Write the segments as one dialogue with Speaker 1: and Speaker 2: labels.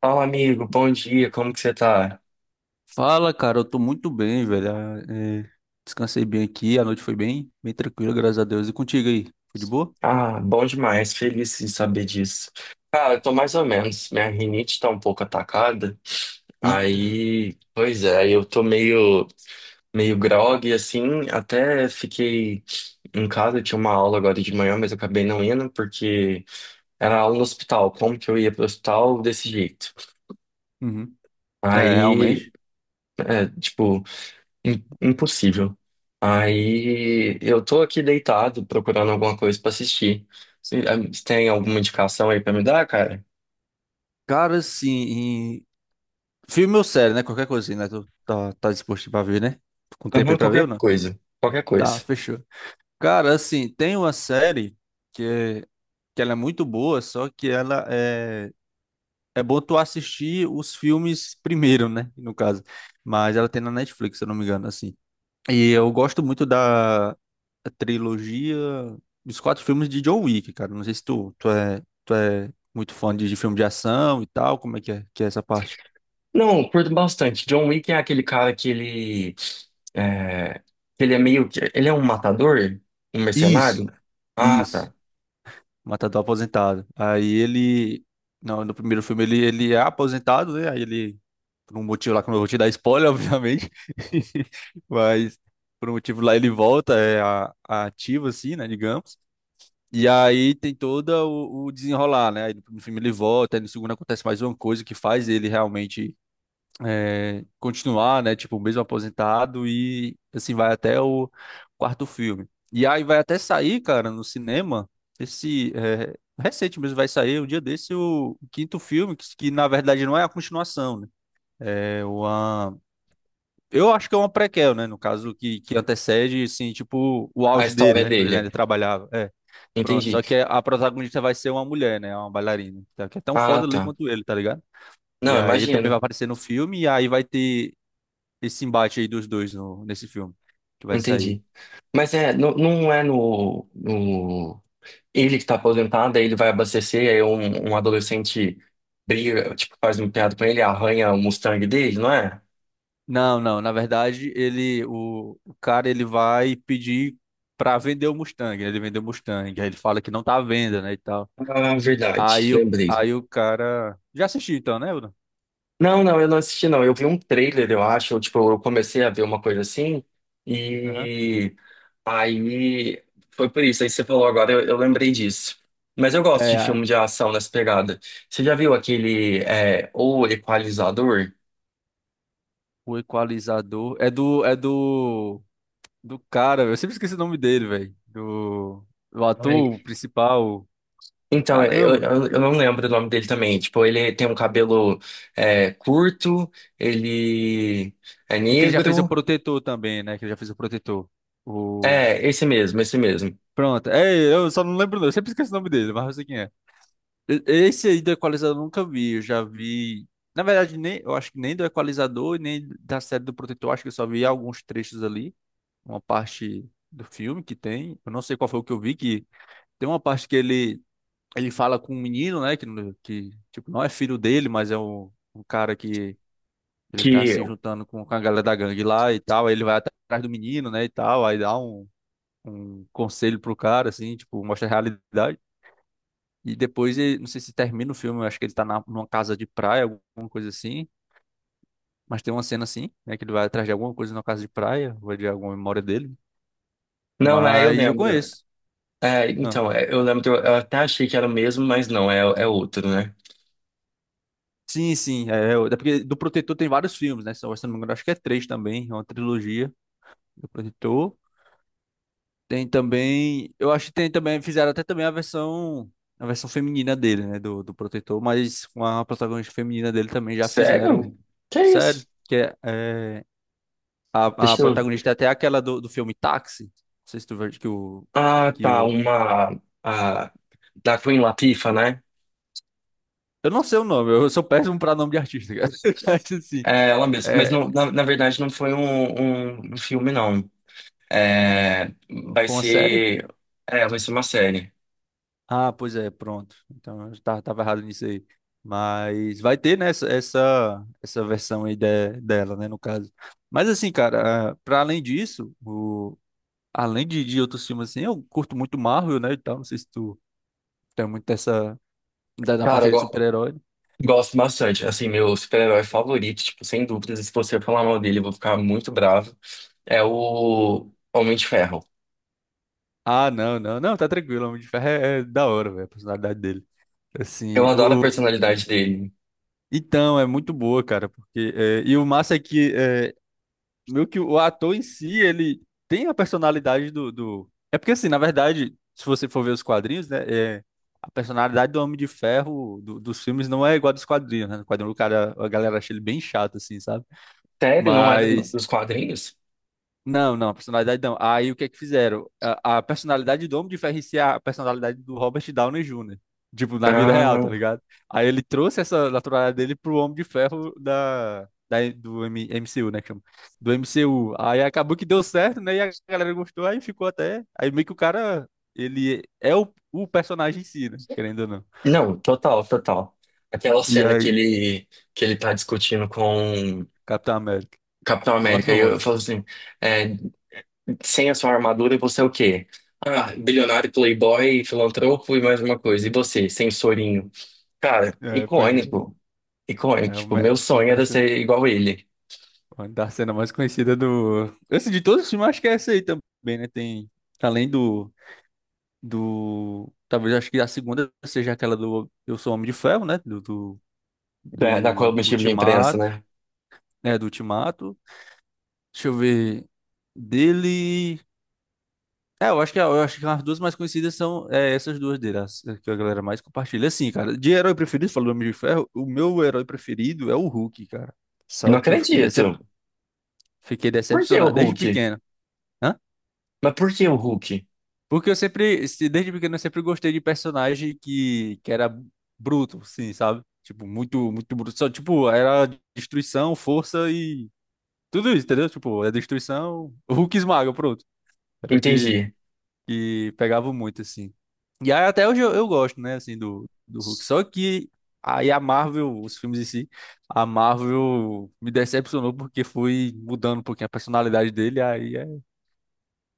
Speaker 1: Fala, amigo, bom dia, como que você tá?
Speaker 2: Fala, cara, eu tô muito bem, velho. Ah, é, descansei bem aqui, a noite foi bem, bem tranquila, graças a Deus. E contigo aí? Foi de boa?
Speaker 1: Ah, bom demais, feliz de saber disso. Cara, eu tô mais ou menos, minha rinite tá um pouco atacada,
Speaker 2: Eita.
Speaker 1: aí, pois é, eu tô meio grogue, assim, até fiquei em casa, tinha uma aula agora de manhã, mas eu acabei não indo, porque era aula no hospital, como que eu ia pro hospital desse jeito?
Speaker 2: Uhum. É,
Speaker 1: Aí,
Speaker 2: realmente.
Speaker 1: é, tipo, impossível. Aí eu tô aqui deitado procurando alguma coisa pra assistir. Você tem alguma indicação aí pra me dar, cara?
Speaker 2: Cara, assim, em- filme ou série, né? Qualquer coisinha, né? Tu tá disposto pra ver, né? Tô com tempo
Speaker 1: Aham,
Speaker 2: aí pra ver ou
Speaker 1: qualquer
Speaker 2: não?
Speaker 1: coisa. Qualquer
Speaker 2: Tá,
Speaker 1: coisa.
Speaker 2: fechou. Cara, assim, tem uma série que, é- que ela é muito boa, só que ela é. É bom tu assistir os filmes primeiro, né? No caso. Mas ela tem na Netflix, se eu não me engano, assim. E eu gosto muito da trilogia dos quatro filmes de John Wick, cara. Não sei se tu é muito fã de filme de ação e tal. Como é que é essa parte?
Speaker 1: Não, eu curto bastante. John Wick é aquele cara que ele. É, ele é meio que. Ele é um matador? Um mercenário?
Speaker 2: Isso,
Speaker 1: Ah,
Speaker 2: isso.
Speaker 1: tá.
Speaker 2: Matador aposentado. Aí ele. Não, no primeiro filme ele é aposentado, né? Aí ele. Por um motivo lá que eu não vou te dar spoiler, obviamente. Mas por um motivo lá ele volta, é a ativo, assim, né? Digamos. E aí tem todo o desenrolar, né? Aí no primeiro filme ele volta, aí no segundo acontece mais uma coisa que faz ele realmente continuar, né? Tipo, mesmo aposentado e assim vai até o quarto filme. E aí vai até sair, cara, no cinema, esse é, recente mesmo vai sair, um dia desse, o quinto filme, que na verdade não é a continuação, né? É uma... Eu acho que é uma prequel, né? No caso, que antecede, assim, tipo, o
Speaker 1: A
Speaker 2: auge dele,
Speaker 1: história
Speaker 2: né? Quando ele
Speaker 1: dele.
Speaker 2: ainda trabalhava. É. Pronto,
Speaker 1: Entendi.
Speaker 2: só que a protagonista vai ser uma mulher, né? Uma bailarina, tá? Que é tão
Speaker 1: Ah,
Speaker 2: foda ali
Speaker 1: tá.
Speaker 2: quanto ele, tá ligado? E
Speaker 1: Não,
Speaker 2: aí ele também vai
Speaker 1: imagino.
Speaker 2: aparecer no filme, e aí vai ter esse embate aí dos dois no, nesse filme que vai sair.
Speaker 1: Entendi. Mas é, não, não é no. Ele que tá aposentado, aí ele vai abastecer, aí um adolescente briga, tipo, faz uma piada com ele, arranha o Mustang dele, não é?
Speaker 2: Não, não, na verdade, ele, o cara, ele vai pedir pra vender o Mustang, né? Ele vendeu o Mustang, aí ele fala que não tá à venda, né, e tal.
Speaker 1: Ah, verdade,
Speaker 2: Aí o,
Speaker 1: lembrei.
Speaker 2: aí o cara... Já assisti então, né, Bruno?
Speaker 1: Não, não, eu não assisti, não. Eu vi um trailer, eu acho, eu, tipo, eu comecei a ver uma coisa assim,
Speaker 2: Aham.
Speaker 1: e aí foi por isso, aí você falou agora, eu lembrei disso. Mas eu gosto de
Speaker 2: É,
Speaker 1: filme de ação nessa pegada. Você já viu aquele, é, O Equalizador?
Speaker 2: o Equalizador. É do do cara, velho. Eu sempre esqueci o nome dele, velho. Do
Speaker 1: Ai,
Speaker 2: ator principal.
Speaker 1: então, é, eu,
Speaker 2: Caramba.
Speaker 1: eu eu não lembro o nome dele também. Tipo, ele tem um cabelo é, curto, ele é
Speaker 2: E que ele já fez o
Speaker 1: negro.
Speaker 2: Protetor também, né? Que ele já fez o Protetor. O...
Speaker 1: É, esse mesmo, esse mesmo.
Speaker 2: Pronto. É, eu só não lembro, não. Eu sempre esqueço o nome dele, mas eu sei quem é. Esse aí do Equalizador eu nunca vi. Eu já vi. Na verdade, nem, eu acho que nem do Equalizador e nem da série do Protetor. Acho que eu só vi alguns trechos ali. Uma parte do filme que tem. Eu não sei qual foi o que eu vi, que tem uma parte que ele fala com um menino, né, que tipo, não é filho dele, mas é um, um cara que ele tá
Speaker 1: Que.
Speaker 2: se juntando com a galera da gangue lá e tal, aí ele vai atrás do menino, né, e tal, aí dá um, um conselho pro cara, assim, tipo, mostra a realidade. E depois, não sei se termina o filme, eu acho que ele tá na, numa casa de praia, alguma coisa assim, mas tem uma cena assim, né, que ele vai atrás de alguma coisa numa casa de praia, ou de alguma memória dele,
Speaker 1: Não, é, eu
Speaker 2: mas eu
Speaker 1: lembro.
Speaker 2: conheço.
Speaker 1: É,
Speaker 2: Ah,
Speaker 1: então, é, eu lembro, eu até achei que era o mesmo, mas não, é, é outro, né?
Speaker 2: sim, sim, é, é é porque do Protetor tem vários filmes, né? Se eu não me engano, acho que é três também, é uma trilogia. Depositou. Tem também, eu acho que tem também, fizeram até também a versão feminina dele, né, do Protetor, mas com a protagonista feminina dele também já fizeram
Speaker 1: Sério? Que isso?
Speaker 2: sério, que é, é, a
Speaker 1: Deixa eu.
Speaker 2: protagonista é até aquela do filme Táxi, não sei se tu viu
Speaker 1: Ah,
Speaker 2: que
Speaker 1: tá,
Speaker 2: o,
Speaker 1: uma. A, da Queen Latifah, né?
Speaker 2: eu não sei o nome, eu sou péssimo pra nome de artista, cara, mas assim,
Speaker 1: É ela mesma. Mas
Speaker 2: é,
Speaker 1: não, na verdade não foi um, um filme, não. É, vai
Speaker 2: foi uma série.
Speaker 1: ser. É, vai ser uma série.
Speaker 2: Ah, pois é, pronto. Então eu tava, tava errado nisso aí. Mas vai ter, né, essa versão aí dela, né, no caso. Mas assim, cara, ah, pra além disso, o, além de outros filmes assim, eu curto muito Marvel, né, e tal. Não sei se tu tem muito essa da
Speaker 1: Cara,
Speaker 2: parte aí de super-herói.
Speaker 1: gosto bastante. Assim, meu super-herói favorito, tipo, sem dúvidas, se você falar mal dele, eu vou ficar muito bravo. É o Homem de Ferro.
Speaker 2: Ah, não, não, não, tá tranquilo. Homem de Ferro é, é da hora, velho, a personalidade dele.
Speaker 1: Eu
Speaker 2: Assim,
Speaker 1: adoro a
Speaker 2: o,
Speaker 1: personalidade dele.
Speaker 2: então, é muito boa, cara, porque... É, e o massa é que... É, meio que o ator em si, ele tem a personalidade do... É porque, assim, na verdade, se você for ver os quadrinhos, né, é, a personalidade do Homem de Ferro dos filmes não é igual a dos quadrinhos, né? No quadrinho, o cara, a galera acha ele bem chato, assim, sabe?
Speaker 1: Sério, não é do-
Speaker 2: Mas
Speaker 1: dos quadrinhos?
Speaker 2: não, não, a personalidade não. Aí o que é que fizeram? A personalidade do Homem de Ferro em si é a personalidade do Robert Downey Jr. Tipo, na vida real, tá
Speaker 1: Ah,
Speaker 2: ligado? Aí ele trouxe essa naturalidade dele pro Homem de Ferro do MCU, né? Que chama? Do MCU. Aí acabou que deu certo, né? E a galera gostou, aí ficou até. Aí meio que o cara, ele é o, personagem em si, né? Querendo ou não.
Speaker 1: não, total, total. Aquela
Speaker 2: E
Speaker 1: cena
Speaker 2: aí?
Speaker 1: que ele tá discutindo com o
Speaker 2: Capitão América.
Speaker 1: Capitão
Speaker 2: É o mais
Speaker 1: América, e eu
Speaker 2: famoso.
Speaker 1: falo assim. É, sem a sua armadura, você é o quê? Ah, bilionário, playboy, filantropo e mais uma coisa. E você, sensorinho? Cara,
Speaker 2: É, pois é.
Speaker 1: icônico. Icônico.
Speaker 2: É,
Speaker 1: Tipo,
Speaker 2: uma,
Speaker 1: meu
Speaker 2: é um
Speaker 1: sonho era
Speaker 2: das.
Speaker 1: ser igual ele.
Speaker 2: Uma da cena mais conhecida do. Assim, de todos os filmes, acho que é essa aí também, né? Tem. Além do. Do. Talvez acho que a segunda seja aquela do Eu Sou Homem de Ferro, né? Do. Do,
Speaker 1: Da, da
Speaker 2: do
Speaker 1: coletiva de imprensa,
Speaker 2: Ultimato.
Speaker 1: né?
Speaker 2: É, do Ultimato. Deixa eu ver. Dele. É, eu acho que as duas mais conhecidas são essas duas dele, as que a galera mais compartilha. Assim, cara, de herói preferido, falando do Homem de Ferro, o meu herói preferido é o Hulk, cara.
Speaker 1: Não
Speaker 2: Só que eu fiquei, decep...
Speaker 1: acredito.
Speaker 2: Fiquei
Speaker 1: Por que o
Speaker 2: decepcionado desde
Speaker 1: Hulk?
Speaker 2: pequeno. Hã?
Speaker 1: Mas por que o Hulk?
Speaker 2: Porque eu sempre, desde pequeno, eu sempre gostei de personagem que era bruto, sim, sabe? Tipo, muito, muito bruto. Só, tipo, era destruição, força e tudo isso, entendeu? Tipo, é destruição, o Hulk esmaga, pronto. Era o que,
Speaker 1: Entendi.
Speaker 2: que pegava muito, assim. E aí até hoje eu gosto, né, assim, do Hulk. Só que aí a Marvel, os filmes em si, a Marvel me decepcionou porque foi mudando um pouquinho a personalidade dele, aí é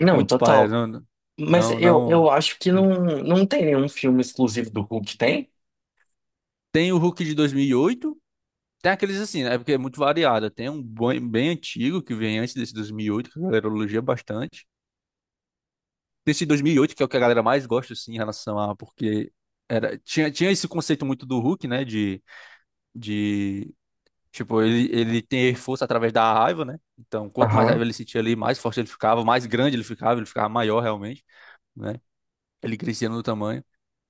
Speaker 1: Não,
Speaker 2: muito paia,
Speaker 1: total.
Speaker 2: não,
Speaker 1: Mas
Speaker 2: não,
Speaker 1: eu
Speaker 2: não.
Speaker 1: acho que não, não tem nenhum filme exclusivo do Hulk, tem?
Speaker 2: Tem o Hulk de 2008. Tem aqueles assim, né? Porque é muito variada. Tem um bem, bem antigo que vem antes desse 2008 que a galera elogia bastante. Tem esse 2008 que é o que a galera mais gosta, assim, em relação a... Porque era, tinha, tinha esse conceito muito do Hulk, né? De, de tipo, ele ter força através da raiva, né? Então, quanto mais raiva
Speaker 1: Aham,
Speaker 2: ele sentia ali, mais forte ele ficava, mais grande ele ficava maior realmente, né? Ele crescia no tamanho.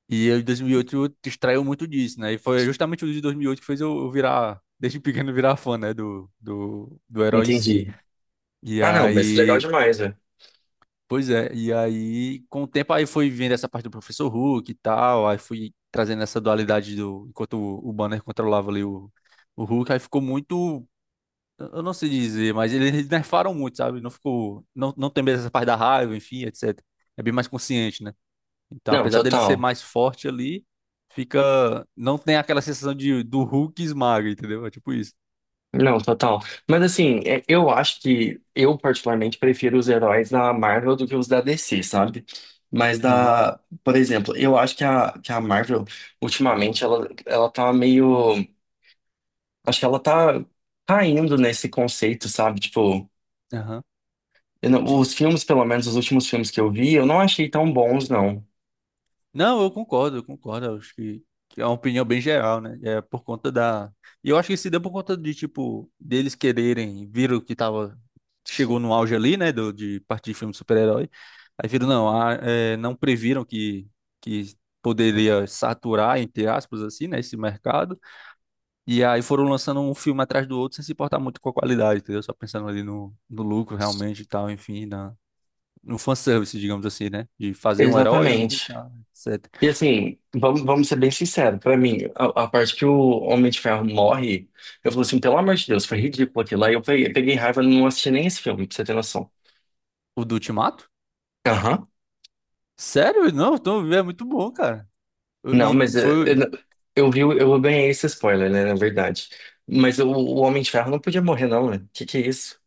Speaker 2: E eu, em 2008 extraiu muito disso, né? E foi justamente o de 2008 que fez eu virar, desde pequeno, virar fã, né? Do herói em si.
Speaker 1: entendi.
Speaker 2: E
Speaker 1: Ah, não, mas legal
Speaker 2: aí,
Speaker 1: demais, velho.
Speaker 2: pois é, e aí, com o tempo, aí fui vendo essa parte do Professor Hulk e tal, aí fui trazendo essa dualidade do, enquanto o Banner controlava ali o, Hulk, aí ficou muito, eu não sei dizer, mas eles nerfaram muito, sabe? Não ficou, não, não tem mais essa parte da raiva, enfim, etc. É bem mais consciente, né? Então,
Speaker 1: Não,
Speaker 2: apesar dele ser
Speaker 1: total.
Speaker 2: mais forte ali, fica. Não tem aquela sensação de do Hulk esmaga, entendeu? É tipo isso.
Speaker 1: Não, total. Mas assim, é- eu acho que eu particularmente prefiro os heróis da Marvel do que os da DC, sabe? Mas
Speaker 2: Aham,
Speaker 1: da, por exemplo, eu acho que a Marvel ultimamente ela, ela tá meio, acho que ela tá caindo nesse conceito, sabe? Tipo,
Speaker 2: aham.
Speaker 1: eu não-
Speaker 2: De-
Speaker 1: os filmes, pelo menos os últimos filmes que eu vi, eu não achei tão bons, não.
Speaker 2: Não, eu concordo, eu concordo. Eu acho que é uma opinião bem geral, né? É por conta da. E eu acho que se deu por conta de, tipo, deles quererem, viram que tava. Chegou no auge ali, né? Do, de partir de filme de super-herói. Aí viram, não, ah, é, não previram que, que poderia saturar, entre aspas, assim, né? Esse mercado. E aí foram lançando um filme atrás do outro sem se importar muito com a qualidade, entendeu? Só pensando ali no, lucro realmente e tal, enfim, na, no fanservice, digamos assim, né? De fazer um herói ali e
Speaker 1: Exatamente.
Speaker 2: tal, etc.
Speaker 1: E assim, vamos, vamos ser bem sinceros. Pra mim, a parte que o Homem de Ferro morre, eu falo assim, pelo amor de Deus, foi ridículo aquilo lá. Eu peguei, peguei raiva e não assisti nem esse filme, pra você ter noção.
Speaker 2: O do Ultimato?
Speaker 1: Aham.
Speaker 2: Sério? Não, então é muito bom, cara. Eu-
Speaker 1: Não,
Speaker 2: E
Speaker 1: mas
Speaker 2: foi.
Speaker 1: eu, não- eu vi, o- eu ganhei esse spoiler, né, na verdade. Mas o Homem de Ferro não podia morrer, não, né? Que é isso?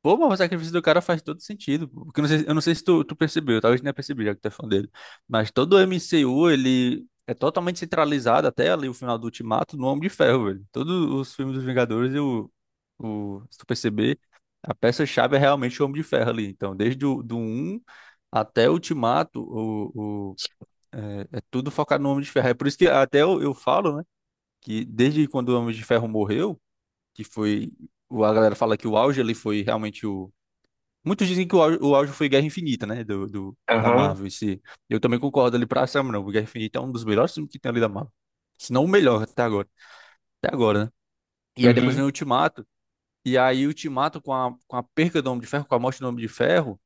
Speaker 2: Pô, mas o sacrifício do cara faz todo sentido. Pô. Porque eu não sei se tu percebeu, talvez nem percebi, já que tu é fã dele. Mas todo o MCU, ele é totalmente centralizado até ali o final do Ultimato no Homem de Ferro, velho. Todos os filmes dos Vingadores, eu, o, se tu perceber, a peça-chave é realmente o Homem de Ferro ali. Então, desde o do um até o Ultimato, é, tudo focado no Homem de Ferro. É por isso que até eu falo, né, que desde quando o Homem de Ferro morreu, que foi. A galera fala que o auge ali foi realmente. Muitos dizem que o auge foi Guerra Infinita, né? Da
Speaker 1: Aham.
Speaker 2: Marvel. Esse, eu também concordo ali pra Sam, não. O Guerra Infinita é um dos melhores filmes que tem ali da Marvel. Se não o melhor até agora. Até agora, né? E aí depois vem
Speaker 1: Uhum.
Speaker 2: o Ultimato. E aí o Ultimato com a perca do Homem de Ferro, com a morte do Homem de Ferro,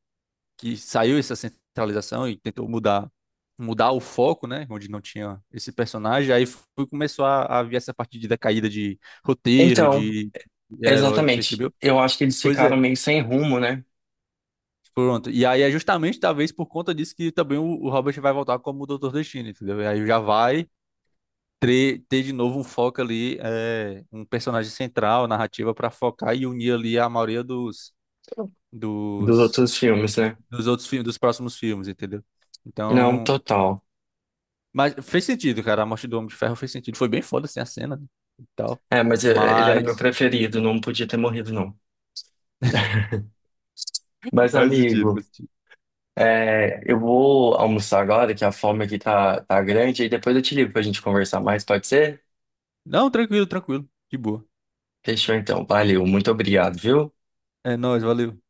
Speaker 2: que saiu essa centralização e tentou mudar o foco, né? Onde não tinha esse personagem. Aí foi, começou a, vir essa parte de decaída de roteiro,
Speaker 1: Então,
Speaker 2: de herói,
Speaker 1: exatamente.
Speaker 2: percebeu?
Speaker 1: Eu acho que eles
Speaker 2: Pois
Speaker 1: ficaram
Speaker 2: é.
Speaker 1: meio sem rumo, né?
Speaker 2: Pronto. E aí é justamente talvez por conta disso que também o, Robert vai voltar como o Doutor Destino, entendeu? E aí já vai ter, de novo um foco ali, é, um personagem central, narrativa para focar e unir ali a maioria
Speaker 1: Dos
Speaker 2: dos,
Speaker 1: outros filmes, né?
Speaker 2: dos outros filmes, dos próximos filmes, entendeu?
Speaker 1: Não,
Speaker 2: Então,
Speaker 1: total.
Speaker 2: mas fez sentido, cara. A morte do Homem de Ferro fez sentido. Foi bem foda assim a cena né, e tal.
Speaker 1: É, mas ele era meu
Speaker 2: Mas
Speaker 1: preferido, não podia ter morrido, não. Mas,
Speaker 2: faz sentido,
Speaker 1: amigo,
Speaker 2: faz sentido.
Speaker 1: é, eu vou almoçar agora, que a fome aqui tá, tá grande, e depois eu te ligo pra gente conversar mais, pode ser?
Speaker 2: Não, tranquilo, tranquilo. De boa.
Speaker 1: Fechou então, valeu, muito obrigado, viu?
Speaker 2: É nóis, valeu.